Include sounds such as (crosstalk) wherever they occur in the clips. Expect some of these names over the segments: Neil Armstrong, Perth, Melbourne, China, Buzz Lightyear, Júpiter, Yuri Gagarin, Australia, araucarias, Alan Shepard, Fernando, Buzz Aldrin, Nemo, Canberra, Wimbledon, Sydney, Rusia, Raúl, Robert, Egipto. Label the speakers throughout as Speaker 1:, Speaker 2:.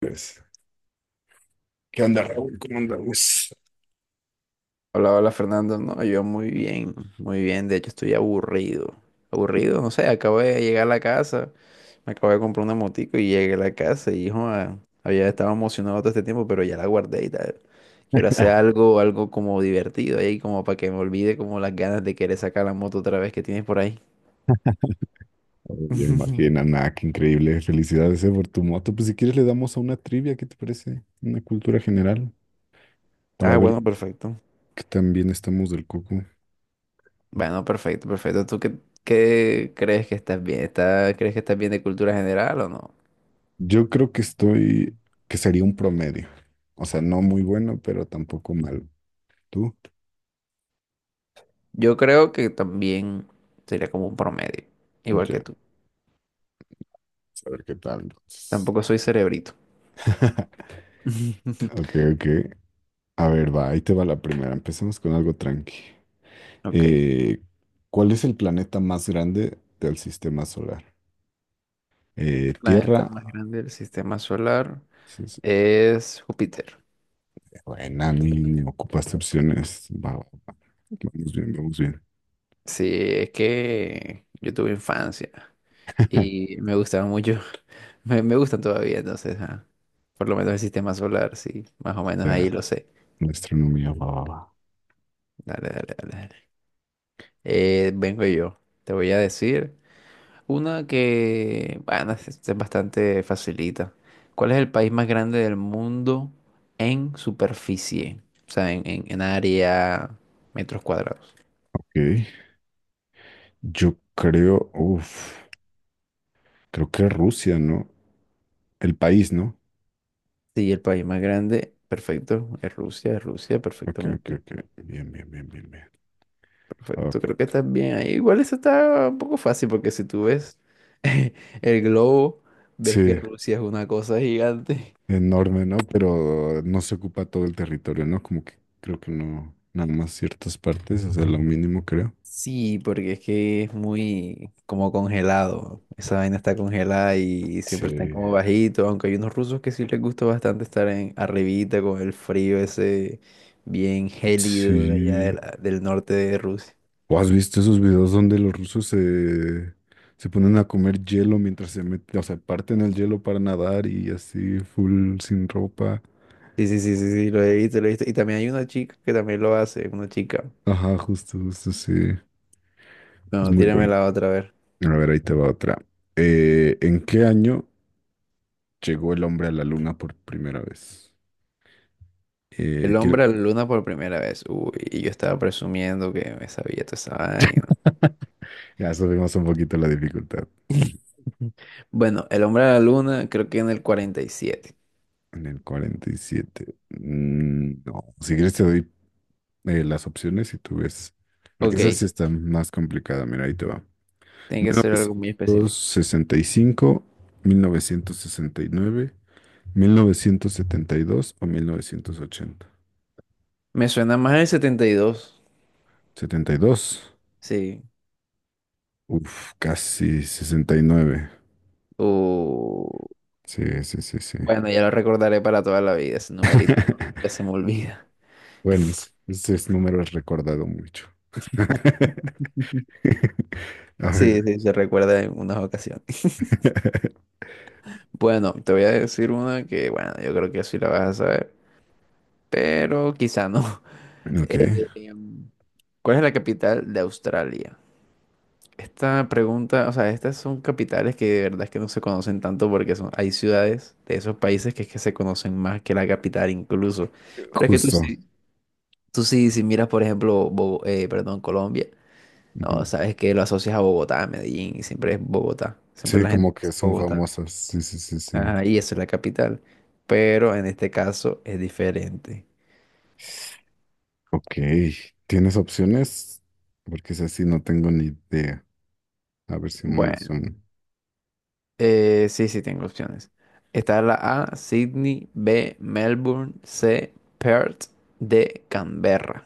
Speaker 1: Pues, ¿qué onda, Raúl? ¿Cómo andamos?
Speaker 2: Hola, hola Fernando. No, yo muy bien, muy bien. De hecho, estoy aburrido. Aburrido, no sé, acabo de llegar a la casa. Me acabo de comprar una motico y llegué a la casa y joda, había estado emocionado todo este tiempo, pero ya la guardé y tal. Quiero hacer algo, como divertido ahí, como para que me olvide como las ganas de querer sacar la moto otra vez que tienes por ahí.
Speaker 1: Oh, ya me imagino,
Speaker 2: (laughs)
Speaker 1: nada, qué increíble. Felicidades, por tu moto. Pues si quieres le damos a una trivia, ¿qué te parece? Una cultura general, para
Speaker 2: Ah,
Speaker 1: ver
Speaker 2: bueno, perfecto.
Speaker 1: qué tan bien estamos del coco.
Speaker 2: Bueno, perfecto, perfecto. ¿Tú qué crees que estás bien? ¿Estás, crees que estás bien de cultura general o no?
Speaker 1: Yo creo que estoy, que sería un promedio. O sea, no muy bueno, pero tampoco malo. ¿Tú?
Speaker 2: Yo creo que también sería como un promedio, igual
Speaker 1: Ya,
Speaker 2: que tú.
Speaker 1: a ver qué tal entonces.
Speaker 2: Tampoco soy cerebrito.
Speaker 1: (laughs)
Speaker 2: (laughs)
Speaker 1: Ok, ok. A ver, va, ahí te va la primera. Empecemos con algo tranqui.
Speaker 2: Ok.
Speaker 1: Eh, ¿Cuál es el planeta más grande del sistema solar?
Speaker 2: Planeta
Speaker 1: Tierra.
Speaker 2: más grande del sistema solar
Speaker 1: Dices,
Speaker 2: es Júpiter.
Speaker 1: buena, ni ocupaste opciones. Va, va, va. Vamos bien, vamos bien.
Speaker 2: Sí, es que yo tuve infancia
Speaker 1: (laughs)
Speaker 2: y me gustaba mucho. (laughs) Me gustan todavía, entonces, ajá. Por lo menos el sistema solar, sí. Más o menos
Speaker 1: Ya,
Speaker 2: ahí lo sé.
Speaker 1: la astronomía, va, va, va.
Speaker 2: Dale, dale, dale, dale. Vengo yo. Te voy a decir. Una que, bueno, es bastante facilita. ¿Cuál es el país más grande del mundo en superficie? O sea, en área, metros cuadrados.
Speaker 1: Ok. Yo creo, uff, creo que Rusia, ¿no? El país, ¿no?
Speaker 2: Sí, el país más grande, perfecto. Es Rusia,
Speaker 1: Ok, ok,
Speaker 2: perfectamente.
Speaker 1: ok. Bien, bien, bien, bien, bien.
Speaker 2: Perfecto, creo que
Speaker 1: Ok.
Speaker 2: estás bien ahí. Igual eso está un poco fácil porque si tú ves (laughs) el globo, ves que
Speaker 1: Sí,
Speaker 2: Rusia es una cosa gigante.
Speaker 1: enorme, ¿no? Pero no se ocupa todo el territorio, ¿no? Como que creo que no, nada más ciertas partes, o sea, lo mínimo creo.
Speaker 2: Sí, porque es que es muy como congelado. Esa vaina está congelada y
Speaker 1: Sí.
Speaker 2: siempre están como bajitos, aunque hay unos rusos que sí les gusta bastante estar en arribita con el frío ese bien gélido de allá de
Speaker 1: Sí.
Speaker 2: del norte de Rusia.
Speaker 1: ¿O has visto esos videos donde los rusos se ponen a comer hielo mientras se meten, o sea, parten el hielo para nadar y así, full sin ropa?
Speaker 2: Sí, sí, sí, sí, sí, lo he visto, lo he visto. Y también hay una chica que también lo hace, una chica.
Speaker 1: Ajá, justo, justo, sí. Es
Speaker 2: Bueno,
Speaker 1: muy
Speaker 2: tírame
Speaker 1: bueno.
Speaker 2: la otra vez.
Speaker 1: A ver, ahí te va otra. ¿En qué año llegó el hombre a la luna por primera vez?
Speaker 2: El
Speaker 1: Quiero...
Speaker 2: hombre a la luna por primera vez. Uy, y yo estaba presumiendo que me sabía toda esa vaina.
Speaker 1: Ya subimos un poquito la dificultad. Sí, sí,
Speaker 2: (laughs) Bueno, el hombre a la luna creo que en el 47.
Speaker 1: en el 47. Mm, no, si quieres te doy las opciones y tú ves. Porque esa sí
Speaker 2: Ok,
Speaker 1: está más complicada. Mira, ahí te va.
Speaker 2: tiene
Speaker 1: mil
Speaker 2: que
Speaker 1: novecientos sesenta
Speaker 2: ser algo muy específico.
Speaker 1: sesenta y cinco nueve 1972 o 1980
Speaker 2: Me suena más el 72,
Speaker 1: 72.
Speaker 2: sí.
Speaker 1: Uf, casi 69.
Speaker 2: O...
Speaker 1: Sí, sí, sí, sí.
Speaker 2: Bueno, ya lo recordaré para toda la vida, ese numerito que se
Speaker 1: (laughs)
Speaker 2: me olvida. (laughs)
Speaker 1: Bueno, ese es número es recordado mucho. (laughs) A ver.
Speaker 2: Sí, sí, se recuerda en unas ocasiones.
Speaker 1: (laughs)
Speaker 2: (laughs) Bueno, te voy a decir una que, bueno, yo creo que sí la vas a saber, pero quizá no. (laughs)
Speaker 1: Ok,
Speaker 2: Eh, em, ¿Cuál es la capital de Australia? Esta pregunta, o sea, estas son capitales que de verdad es que no se conocen tanto porque son, hay ciudades de esos países que es que se conocen más que la capital incluso. Pero es que
Speaker 1: justo.
Speaker 2: tú sí, si miras, por ejemplo, perdón, Colombia, no,
Speaker 1: Ujú.
Speaker 2: sabes que lo asocias a Bogotá, a Medellín, y siempre es Bogotá, siempre
Speaker 1: Sí,
Speaker 2: la gente
Speaker 1: como que
Speaker 2: dice
Speaker 1: son
Speaker 2: Bogotá.
Speaker 1: famosas. Sí, sí, sí, sí.
Speaker 2: Ajá, y eso es la capital. Pero en este caso es diferente.
Speaker 1: Ok, ¿tienes opciones? Porque es así, no tengo ni idea. A ver si no me
Speaker 2: Bueno.
Speaker 1: suena.
Speaker 2: Sí, sí, tengo opciones. Está la A, Sydney, B, Melbourne, C, Perth, D, Canberra.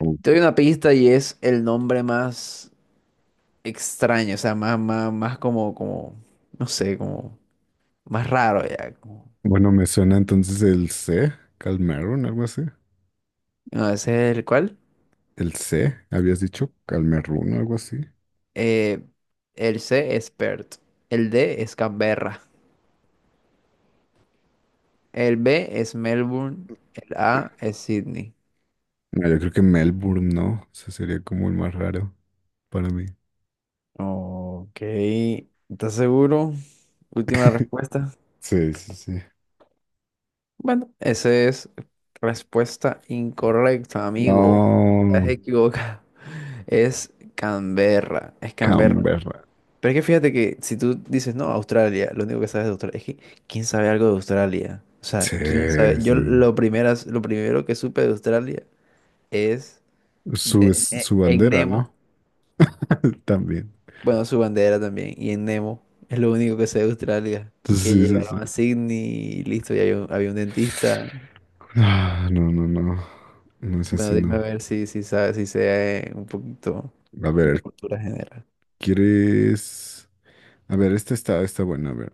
Speaker 1: Oh,
Speaker 2: Te doy una pista y es el nombre más extraño, o sea, más, más, más como, como, no sé, como más raro ya. Como...
Speaker 1: bueno, me suena entonces el C, Calmerun, algo así.
Speaker 2: No, ese es el cual.
Speaker 1: El C, habías dicho Calmerun, algo así.
Speaker 2: Eh, el C es Perth, el D es Canberra, el B es Melbourne, el A es Sydney.
Speaker 1: No, yo creo que Melbourne, ¿no? Ese sería como el más raro para mí.
Speaker 2: Ok, ¿estás seguro? Última respuesta.
Speaker 1: Sí, sí, sí.
Speaker 2: Bueno, esa es respuesta incorrecta, amigo. Estás
Speaker 1: No,
Speaker 2: equivocado. (laughs) Es Canberra, es Canberra.
Speaker 1: Canberra.
Speaker 2: Pero es que fíjate que si tú dices, no, Australia, lo único que sabes de Australia, es que ¿quién sabe algo de Australia? O sea,
Speaker 1: Sí,
Speaker 2: ¿quién sabe?
Speaker 1: sí.
Speaker 2: Yo lo primero que supe de Australia es
Speaker 1: Sí. Es
Speaker 2: de, e-
Speaker 1: su
Speaker 2: en
Speaker 1: bandera,
Speaker 2: Nemo,
Speaker 1: ¿no? (laughs) También.
Speaker 2: bueno, su bandera también, y en Nemo es lo único que sé de Australia, que
Speaker 1: Entonces, sí,
Speaker 2: llegaron
Speaker 1: sí,
Speaker 2: a
Speaker 1: sí.
Speaker 2: Sydney y listo, y había un dentista.
Speaker 1: Ah, no, no, no. No es así,
Speaker 2: Bueno, dime a
Speaker 1: no.
Speaker 2: ver si, si sabes, si sé un poquito
Speaker 1: A
Speaker 2: de
Speaker 1: ver,
Speaker 2: cultura general.
Speaker 1: ¿quieres? A ver, esta está buena. A ver,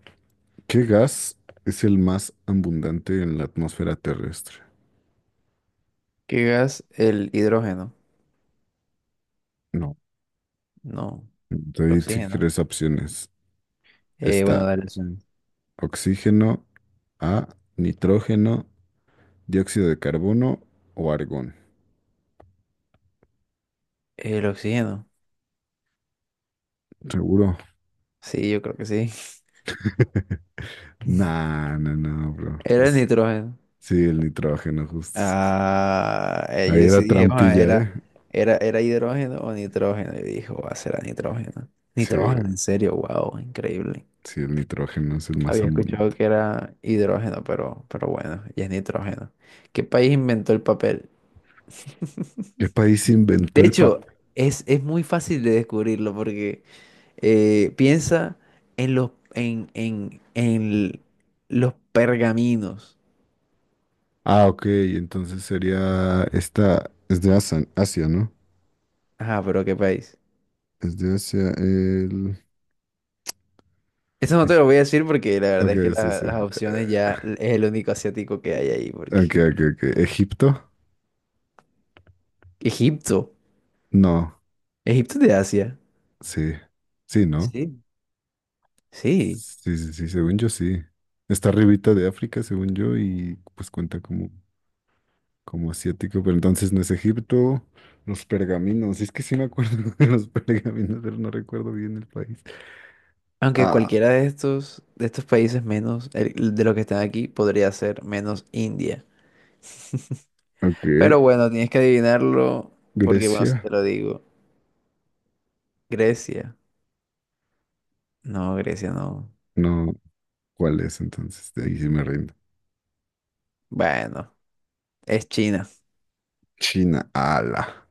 Speaker 1: ¿qué gas es el más abundante en la atmósfera terrestre?
Speaker 2: ¿Qué gas? El hidrógeno.
Speaker 1: No.
Speaker 2: No,
Speaker 1: Te
Speaker 2: el
Speaker 1: di si
Speaker 2: oxígeno.
Speaker 1: quieres opciones.
Speaker 2: Bueno,
Speaker 1: Está
Speaker 2: dale. Son...
Speaker 1: oxígeno, A, nitrógeno, dióxido de carbono o argón.
Speaker 2: El oxígeno.
Speaker 1: ¿Seguro?
Speaker 2: Sí, yo creo que sí. (laughs)
Speaker 1: Nah, no, no, bro.
Speaker 2: Era el nitrógeno.
Speaker 1: Sí, el nitrógeno, justo.
Speaker 2: Ah, yo
Speaker 1: Ahí era
Speaker 2: decidí, "Ah,
Speaker 1: trampilla,
Speaker 2: era,
Speaker 1: ¿eh?
Speaker 2: era, era hidrógeno o nitrógeno. Y dijo, va a ser nitrógeno.
Speaker 1: Sí,
Speaker 2: Nitrógeno, en serio, wow, increíble.
Speaker 1: sí, el nitrógeno es el más
Speaker 2: Había escuchado
Speaker 1: abundante.
Speaker 2: que era hidrógeno, pero bueno, ya es nitrógeno. ¿Qué país inventó el papel?
Speaker 1: ¿Qué país inventó
Speaker 2: De
Speaker 1: el
Speaker 2: hecho,
Speaker 1: papel?
Speaker 2: es muy fácil de descubrirlo porque piensa en los pergaminos.
Speaker 1: Ah, ok, entonces sería esta, es de Asia, Asia, ¿no?
Speaker 2: Ajá, pero qué país.
Speaker 1: Es de Asia, el...
Speaker 2: Eso no te
Speaker 1: Eg-
Speaker 2: lo voy a decir porque la verdad
Speaker 1: Ok,
Speaker 2: es que
Speaker 1: es ese.
Speaker 2: las opciones ya es el único asiático que hay ahí.
Speaker 1: Ok,
Speaker 2: Porque
Speaker 1: ok, ok. ¿Egipto?
Speaker 2: Egipto.
Speaker 1: No,
Speaker 2: Egipto es de Asia.
Speaker 1: sí. Sí, ¿no?
Speaker 2: Sí. Sí.
Speaker 1: Sí, sí, sí, según yo sí. Está arribita de África, según yo, y pues cuenta como, asiático, pero entonces no es Egipto. Los pergaminos, es que sí me acuerdo (laughs) de los pergaminos, pero no recuerdo bien el país.
Speaker 2: Aunque
Speaker 1: Ah,
Speaker 2: cualquiera de estos países menos de los que están aquí podría ser menos India. Pero
Speaker 1: ok.
Speaker 2: bueno, tienes que adivinarlo porque, bueno, si
Speaker 1: Grecia.
Speaker 2: te lo digo. Grecia. No, Grecia no.
Speaker 1: No, ¿cuál es entonces? De ahí sí me rindo.
Speaker 2: Bueno, es China.
Speaker 1: China, ala.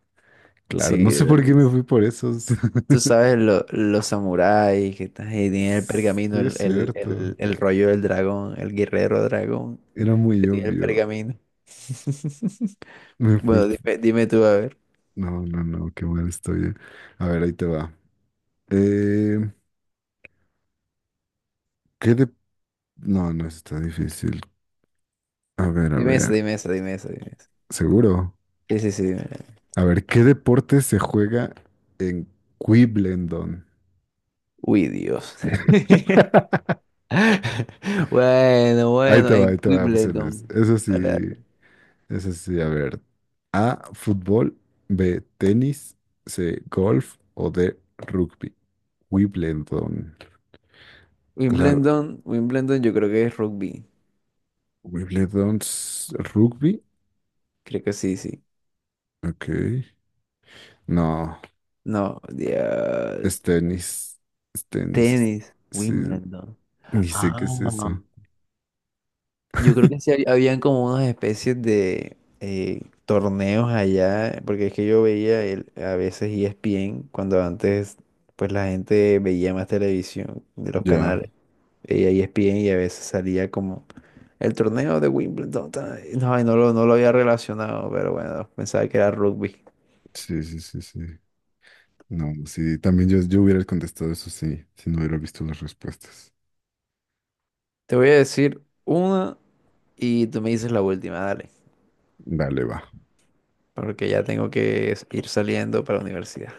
Speaker 1: Claro,
Speaker 2: Sí,
Speaker 1: no sé
Speaker 2: de
Speaker 1: por qué me fui por esos. (laughs)
Speaker 2: tú sabes los samuráis que están ahí, tienen el pergamino,
Speaker 1: Sí, es
Speaker 2: el, el,
Speaker 1: cierto.
Speaker 2: el, el rollo del dragón, el guerrero dragón
Speaker 1: Era
Speaker 2: que
Speaker 1: muy
Speaker 2: tiene el
Speaker 1: obvio.
Speaker 2: pergamino. (laughs)
Speaker 1: Me fui.
Speaker 2: Bueno, dime, dime tú, a ver.
Speaker 1: No, no, no, qué mal estoy. A ver, ahí te va. Eh, ¿Qué de... No, no, eso está difícil. A ver, a
Speaker 2: Dime
Speaker 1: ver.
Speaker 2: eso, dime eso, dime eso, dime eso.
Speaker 1: Seguro.
Speaker 2: Sí, sí, sí, dime.
Speaker 1: A ver, ¿qué deporte se juega en Quiblendon?
Speaker 2: Uy, Dios. (laughs) Bueno, bueno, en
Speaker 1: Ahí te va,
Speaker 2: Wimbledon.
Speaker 1: opciones.
Speaker 2: Dale, dale.
Speaker 1: Eso sí, a ver. A, fútbol, B, tenis, C, golf o D, rugby. Wimbledon. La
Speaker 2: Wimbledon, Wimbledon yo creo que es rugby.
Speaker 1: Wimbledon es rugby.
Speaker 2: Creo que sí, sí.
Speaker 1: Ok. No,
Speaker 2: No,
Speaker 1: es
Speaker 2: Dios.
Speaker 1: tenis. Es tenis.
Speaker 2: Tenis,
Speaker 1: Sí,
Speaker 2: Wimbledon.
Speaker 1: ni sé qué es
Speaker 2: Ah,
Speaker 1: eso.
Speaker 2: yo creo que sí habían como unas especies de torneos allá, porque es que yo veía el, a veces ESPN, cuando antes pues la gente veía más televisión de los
Speaker 1: Ya.
Speaker 2: canales, veía ESPN y a veces salía como el torneo de Wimbledon. Ta... No, y no lo, no lo había relacionado, pero bueno, pensaba que era rugby.
Speaker 1: Sí, sí, sí, sí. No, sí, también yo hubiera contestado eso sí, si no hubiera visto las respuestas.
Speaker 2: Te voy a decir una y tú me dices la última, dale.
Speaker 1: Dale, va.
Speaker 2: Porque ya tengo que ir saliendo para la universidad.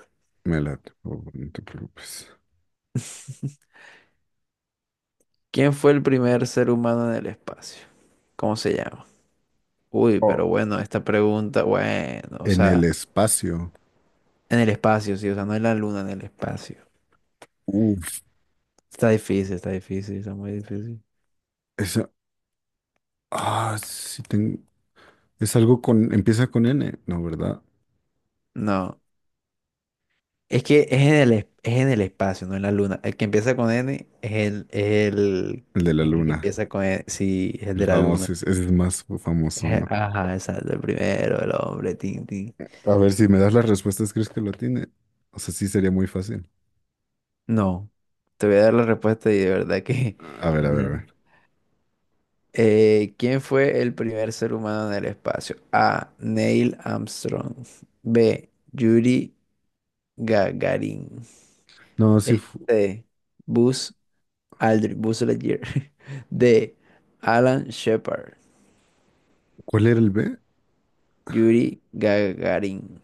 Speaker 1: Me late, por favor, no te preocupes.
Speaker 2: ¿Quién fue el primer ser humano en el espacio? ¿Cómo se llama? Uy,
Speaker 1: Oh,
Speaker 2: pero bueno, esta pregunta, bueno, o
Speaker 1: en el
Speaker 2: sea,
Speaker 1: espacio.
Speaker 2: en el espacio, sí, o sea, no en la luna, en el espacio.
Speaker 1: Uf,
Speaker 2: Está difícil, está difícil, está muy difícil.
Speaker 1: esa. Ah, sí, es algo con. Empieza con N, ¿no, verdad?
Speaker 2: No, es que es en el espacio, no en la luna. El que empieza con N es el, es el,
Speaker 1: El de la
Speaker 2: es el que
Speaker 1: luna.
Speaker 2: empieza con N, sí, es el
Speaker 1: El
Speaker 2: de la
Speaker 1: famoso,
Speaker 2: luna.
Speaker 1: ese es el más famoso,
Speaker 2: Es...
Speaker 1: ¿no?
Speaker 2: Ajá, exacto, el primero, el hombre, tin, tin.
Speaker 1: A ver, si me das las respuestas, ¿crees que lo tiene? O sea, sí sería muy fácil.
Speaker 2: No, te voy a dar la respuesta y de verdad que...
Speaker 1: A
Speaker 2: (laughs)
Speaker 1: ver, a ver, a
Speaker 2: no.
Speaker 1: ver.
Speaker 2: ¿Quién fue el primer ser humano en el espacio? A. Neil Armstrong. B. Yuri Gagarin.
Speaker 1: No, sí.
Speaker 2: E, C. Buzz Aldrin. Buzz Lightyear. (laughs) D. Alan Shepard.
Speaker 1: ¿Cuál era el B?
Speaker 2: Yuri Gagarin.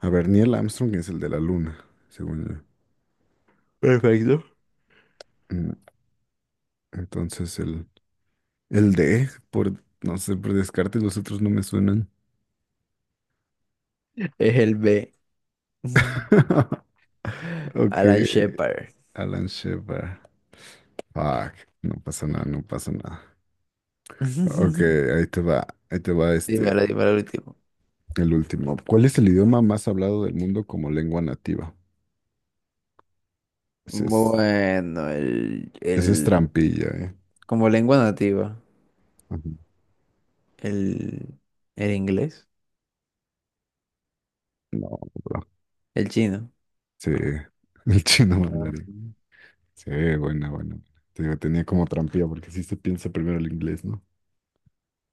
Speaker 1: A ver, Neil Armstrong es el de la luna, según yo.
Speaker 2: Perfecto.
Speaker 1: Mm, Entonces, el D, por, no sé, por descarte, los otros no me suenan.
Speaker 2: Es el B.
Speaker 1: (laughs) Ok,
Speaker 2: Alan Shepard.
Speaker 1: Alan Shepard. Fuck, no pasa nada, no pasa nada. Ok,
Speaker 2: (laughs)
Speaker 1: ahí te va este,
Speaker 2: Dímelo, dímelo el último.
Speaker 1: el último. ¿Cuál es el idioma más hablado del mundo como lengua nativa? Ese es,
Speaker 2: Bueno, el,
Speaker 1: ese es
Speaker 2: el
Speaker 1: trampilla, ¿eh?
Speaker 2: Como lengua nativa,
Speaker 1: Ajá.
Speaker 2: el, el inglés,
Speaker 1: No, bro.
Speaker 2: el chino.
Speaker 1: Sí, (laughs) el chino
Speaker 2: Ah.
Speaker 1: mandarín. Sí, buena, buena. Te digo, tenía como trampilla porque sí se piensa primero el inglés, ¿no?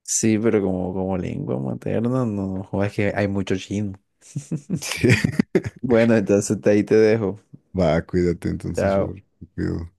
Speaker 2: Sí, pero como, como lengua materna, no, joder, es que hay mucho chino. (laughs)
Speaker 1: Sí. (laughs)
Speaker 2: Bueno, entonces ahí te dejo.
Speaker 1: Va, cuídate entonces,
Speaker 2: Chao.
Speaker 1: Robert. Te cuido.